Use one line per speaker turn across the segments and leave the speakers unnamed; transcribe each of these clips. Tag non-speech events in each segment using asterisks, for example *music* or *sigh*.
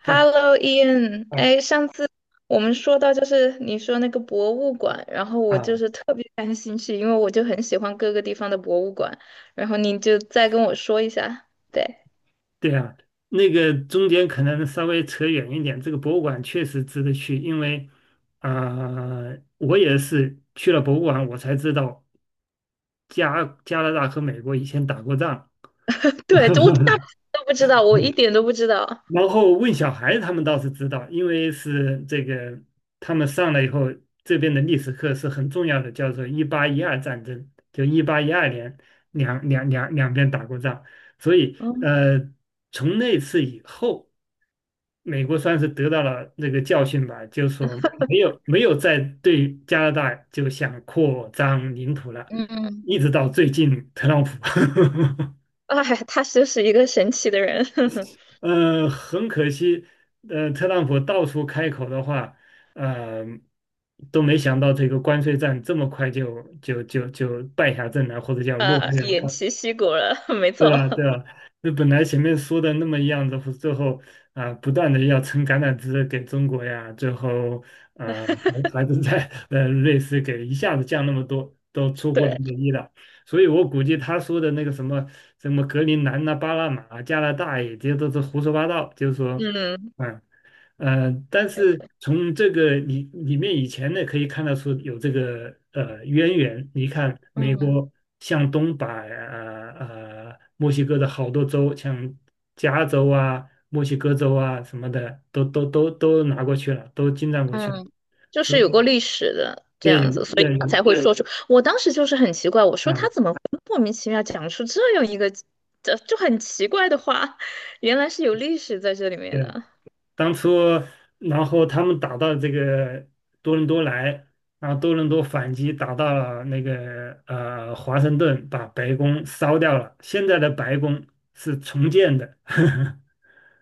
嘿，
Hello, Ian。
哎
哎，上次我们说到就是你说那个博物馆，然后我就
啊，
是特别感兴趣，因为我就很喜欢各个地方的博物馆。然后你就再跟我说一下。对，
对啊，那个中间可能稍微扯远一点，这个博物馆确实值得去，因为啊、我也是去了博物馆，我才知道加拿大和美国以前打过仗。
*laughs* 对，我大部分都不知道，我一点都不知道。
然后问小孩，他们倒是知道，因为是这个他们上来以后，这边的历史课是很重要的，叫做一八一二战争，就一八一二年两边打过仗，所以
嗯，
从那次以后。美国算是得到了这个教训吧，就是说没有再对加拿大就想扩张领土了，
嗯，
一直到最近特朗普，
哎，他就是一个神奇的人，*laughs*
*laughs* 很可惜，特朗普到处开口的话，呃，都没想到这个关税战这么快就败下阵来，或者叫落幕
偃
了。
旗息鼓了，没错。
对啊，对啊，那本来前面说的那么样子，最后啊、不断的要撑橄榄枝给中国呀，最后呃还还
*laughs*
是在瑞士给一下子降那么多，都出乎
对，
人的意料。所以我估计他说的那个什么什么格陵兰呐、巴拿马、加拿大也这些都是胡说八道，就是说，
嗯，
嗯、但
有
是
可
从这个里面以前呢，可以看得出有这个渊源。你看，美
能。
国向东把墨西哥的好多州，像加州啊、墨西哥州啊什么的，都拿过去了，都侵占过去了。
嗯，就
之
是
后，
有过历史的这
对，
样
有
子，所以
也
他
有，
才会说出。我当时就是很奇怪，我说他
啊
怎么会莫名其妙讲出这样一个这就很奇怪的话，原来是有历史在这里面
对。
的。
当初，然后他们打到这个多伦多来，然后多伦多反击打到了那个华盛顿，把白宫烧掉了。现在的白宫是重建的，*laughs*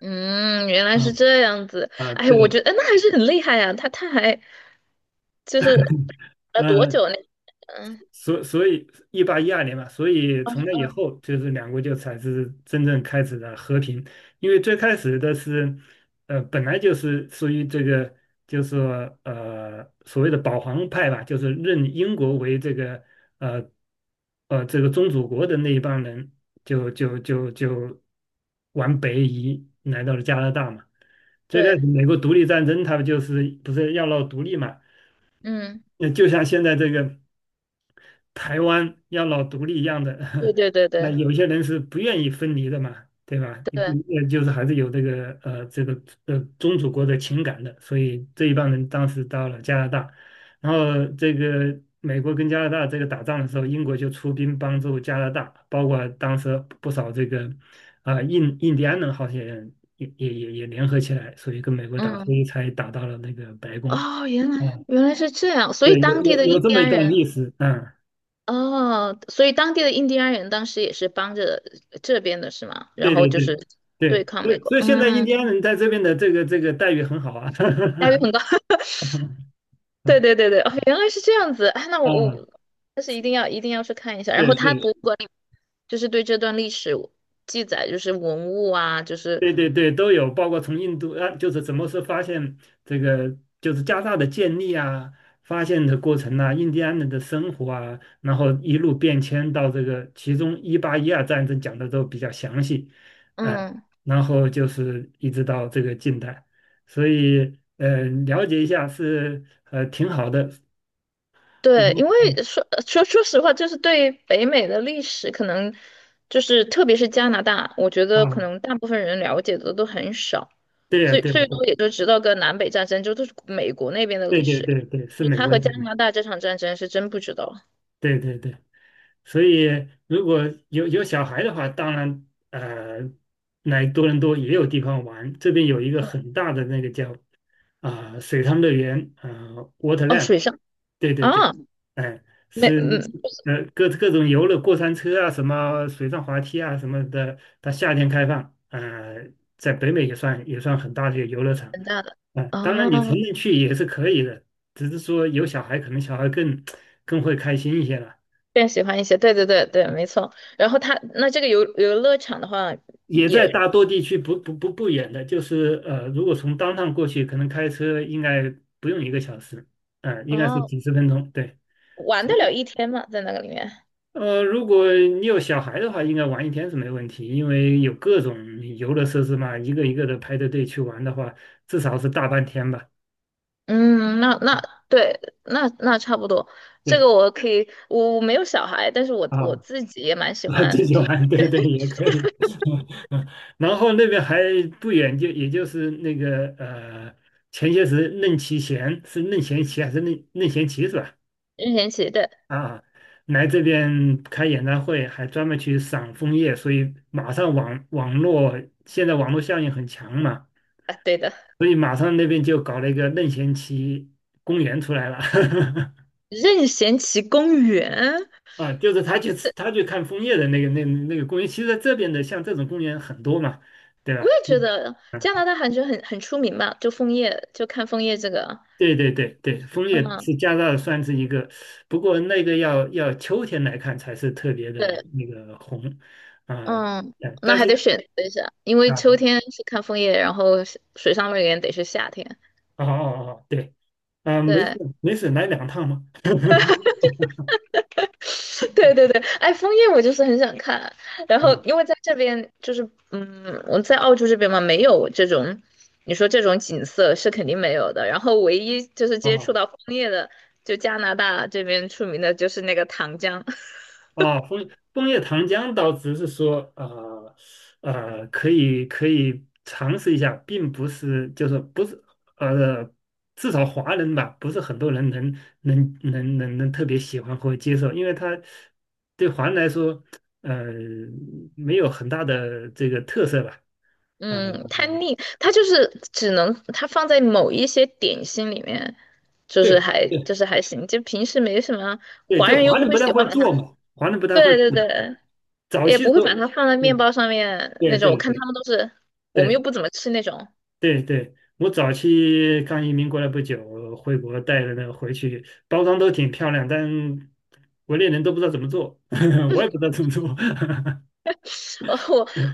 嗯，原来是
嗯
这样子。
啊，
哎，我
对，
觉得哎那还是很厉害呀、他还就是多
嗯、
久呢？嗯，
所以一八一二年嘛，所以
二
从那以
嗯，
后，就是两国就才是真正开始了和平。因为最开始的是，本来就是属于这个，就是说所谓的保皇派吧，就是认英国为这个呃宗主国的那一帮人，就往北移来到了加拿大嘛。最开始
对，
美国独立战争，他们就是不是要闹独立嘛？
嗯，
那就像现在这个。台湾要老独立一样的，
对
*laughs*
对对
那
对
有些人是不愿意分离的嘛，对吧？你不
对，
就是还是有这个宗主国的情感的，所以这一帮人当时到了加拿大，然后这个美国跟加拿大这个打仗的时候，英国就出兵帮助加拿大，包括当时不少这个啊、印第安人好些人也联合起来，所以跟美国打，所
嗯，
以才打到了那个白宫。
哦，原来
嗯，
原来是这样，所以
对，有
当地
有
的
有
印
这
第
么一
安
段
人。
历史，嗯。
哦，所以当地的印第安人当时也是帮着这边的是吗？然
对
后
对
就是
对
对
对，
抗
所
美
以
国，
所以现在印
嗯，
第安人在这边的这个待遇很好啊，
效率
*laughs*
很高。*laughs* 对对对对，哦，原来是这样子啊那我
啊，
我但是一定要一定要去看一下。然
对
后他
对
博物馆里就是对这段历史记载，就是文物啊，就是
对对对，都有，包括从印度啊，就是怎么是发现这个就是加大的建立啊，发现的过程啊，印第安人的生活啊，然后一路变迁到这个，其中一八一二战争讲的都比较详细，哎、
嗯。
然后就是一直到这个近代，所以了解一下是挺好的。嗯
对，因为说实话，就是对北美的历史，可能就是特别是加拿大，我觉
啊，
得可能大部分人了解的都很少，
对呀，
最
对呀，
最多也就知道个南北战争，就都是美国那边的
对，
历
对
史。
对对对，是
就
美
他
国
和加
人，
拿大这场战争是真不知道
对对对，所以如果有小孩的话，当然来多伦多也有地方玩。这边有一个很大的那个叫啊、水上乐园啊、
哦，
Waterland，
水上
对对
啊，
对，哎、
没
是
嗯，
各种游乐过山车啊，什么水上滑梯啊什么的，它夏天开放，在北美也算很大的一个游乐场。
很大的
啊，
啊，
当然你成人去也是可以的，只是说有小孩，可能小孩更会开心一些了。
更喜欢一些，对对对对，没错。然后他那这个游乐场的话
也在
也
大多地区不远的，就是如果从当趟过去，可能开车应该不用一个小时，嗯、应该是
哦，
几十分钟，对。
玩
所
得
以
了一天嘛，在那个里面。
如果你有小孩的话，应该玩一天是没问题，因为有各种游乐设施嘛，一个一个的排着队去玩的话，至少是大半天吧。
嗯，那对，那差不多。这
对
个我可以，我没有小孩，但是我
啊，
自己也蛮喜
*laughs* 自
欢，
己
就是
玩，对对也可以。*laughs* 然后那边还不远，就也就是那个前些时任其贤是任贤齐还是任贤齐是吧？
任贤齐的
啊，来这边开演唱会，还专门去赏枫叶，所以马上网网络现在网络效应很强嘛，
啊，对的，
所以马上那边就搞了一个任贤齐公园出来了。*laughs*
任贤齐公园，
啊，就是他去看枫叶的那个公园，其实在这边的像这种公园很多嘛，对
我
吧？
也觉
嗯
得
啊，
加拿大还是很出名吧，就枫叶，就看枫叶这个，
对对对对，枫叶
嗯，
是加拿大算是一个，不过那个要秋天来看才是特别的
对，
那个红啊，
嗯，那
但
还
是。
得选择一下，因为
啊。
秋天是看枫叶，然后水上乐园得是夏天，
哦哦哦，对，嗯、没
对，
事没事，来两趟嘛。*laughs*
*laughs* 对对对，哎，枫叶我就是很想看，然后
嗯，
因为在这边就是，嗯，我在澳洲这边嘛，没有这种，你说这种景色是肯定没有的。然后唯一就是接触
哦
到枫叶的，就加拿大这边出名的就是那个糖浆，*laughs*
哦，枫叶糖浆倒只是说，可以尝试一下，并不是就是不是呃，至少华人吧，不是很多人能特别喜欢或接受，因为它对华人来说，呃，没有很大的这个特色吧，呃，
嗯，它腻，它就是只能它放在某一些点心里面，就是
对
还
对
就是还行，就平时没什么，
对，
华
就
人又
华
不
人
会
不太
喜
会
欢把
做
它，
嘛，华人不
*laughs*
太会
对
做。
对对。
早
也
期时
不会把
候，
它放在面包上面
对
那种。我
对
看
对
他们都是，我
对
们又
对
不怎么吃那种。
对对，我早期刚移民过来不久，回国带了那个回去，包装都挺漂亮，但 *laughs* 国内人都不知道怎么做，*laughs* 我也不知道怎么做。*laughs*
*laughs* 哦，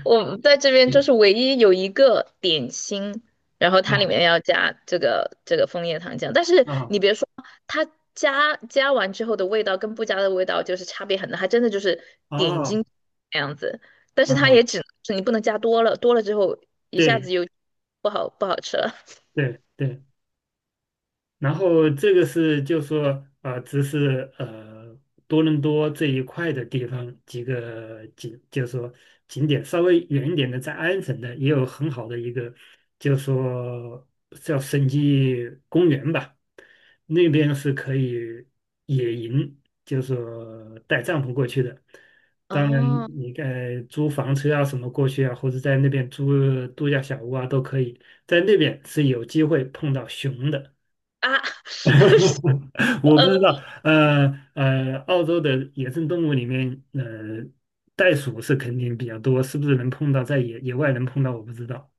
我我在这边就
嗯
是唯一有一个点心，然后它里面要加这个这个枫叶糖浆，但是
啊
你别说，它加完之后的味道跟不加的味道就是差别很大，它真的就是点
啊
睛那样子。但是
啊
它
啊！
也只能是你不能加多了，多了之后一下
对
子又不好吃了。
对对。然后这个是就说只是多伦多这一块的地方几个景，就说景点稍微远一点的，在安省的也有很好的一个，就说叫省基公园吧，那边是可以野营，就说带帐篷过去的。当然，
哦
你该租房车啊什么过去啊，或者在那边租度假小屋啊都可以，在那边是有机会碰到熊的。
啊，*laughs*
*laughs* 我不知
呃，
道，呃澳洲的野生动物里面，袋鼠是肯定比较多，是不是能碰到在野外能碰到？我不知道。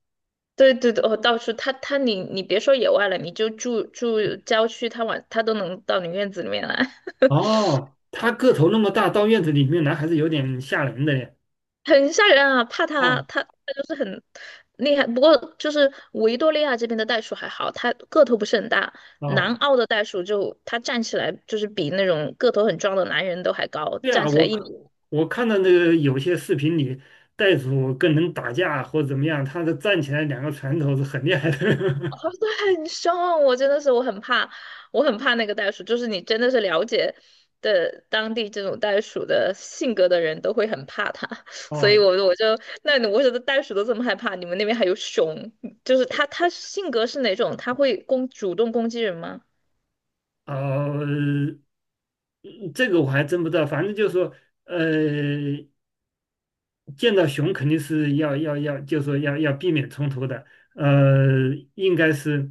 对对对，哦，到处他你别说野外了，你就住郊区，他往他都能到你院子里面来，*laughs*
哦，它个头那么大，到院子里面来还是有点吓人的耶。
很吓人啊！怕他
啊
他他就是很厉害，不过就是维多利亚这边的袋鼠还好，它个头不是很大，南
啊，
澳的袋鼠就它站起来就是比那种个头很壮的男人都还高，
对
站
啊，
起来
我
一米
看我看到那个有些视频里，袋鼠跟人打架或怎么样，它的站起来两个拳头是很厉害
哦，
的。
对，*laughs* 很凶，我真的是我很怕，我很怕那个袋鼠。就是你真的是了解的当地这种袋鼠的性格的人都会很怕它，*laughs*
*laughs*
所以
哦，
我就那你我觉得袋鼠都这么害怕，你们那边还有熊，就是它性格是哪种？它会主动攻击人吗？
哦，这个我还真不知道，反正就是说，呃，见到熊肯定是要，就是说要避免冲突的。应该是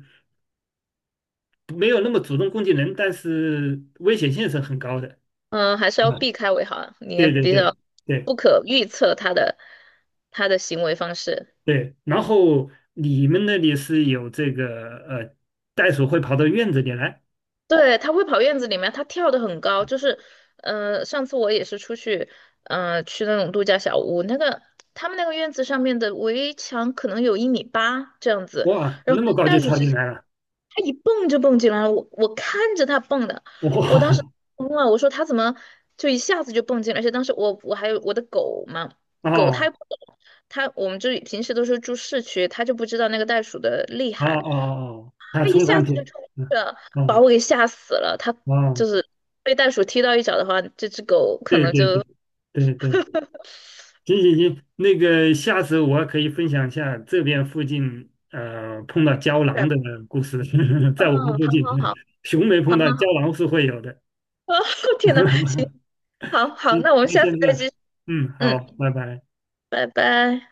没有那么主动攻击人，但是危险性是很高的。
嗯，还是要
嗯，
避开为好啊，你也
对对
比
对
较
对
不可预测它的行为方式。
对。然后你们那里是有这个袋鼠会跑到院子里来，
对，它会跑院子里面，它跳得很高，就是，上次我也是出去，去那种度假小屋，那个他们那个院子上面的围墙可能有1.8米这样子，
哇，
然
那
后
么高
那
就
个袋鼠
跳
直
进
接，
来了，
它一蹦就蹦进来了，我看着它蹦的，我当时
哇，
懵了，我说它怎么就一下子就蹦进来，而且当时我还有我的狗嘛，狗它
哦
也不懂，它我们就平时都是住市区，它就不知道那个袋鼠的厉
哦
害。
哦哦，它
他一
冲
下
上去，
子就冲过去
嗯
了，把
哦
我给吓死了。他
哦，
就是被袋鼠踢到一脚的话，这只狗可
对
能
对对
就，
对对。
*laughs*
行行行，那个下次我可以分享一下这边附近碰到胶囊
对，
的故事，*laughs* 在
嗯，
我们附
好
近，
好好，
熊没碰
好
到，
好
胶
好，
囊是会有的。
*laughs* 天呐，行，
*laughs*
好好，
行，
那我们
那
下
先
次
这
再继
样，
续，
嗯，好，
嗯，
拜拜。
拜拜。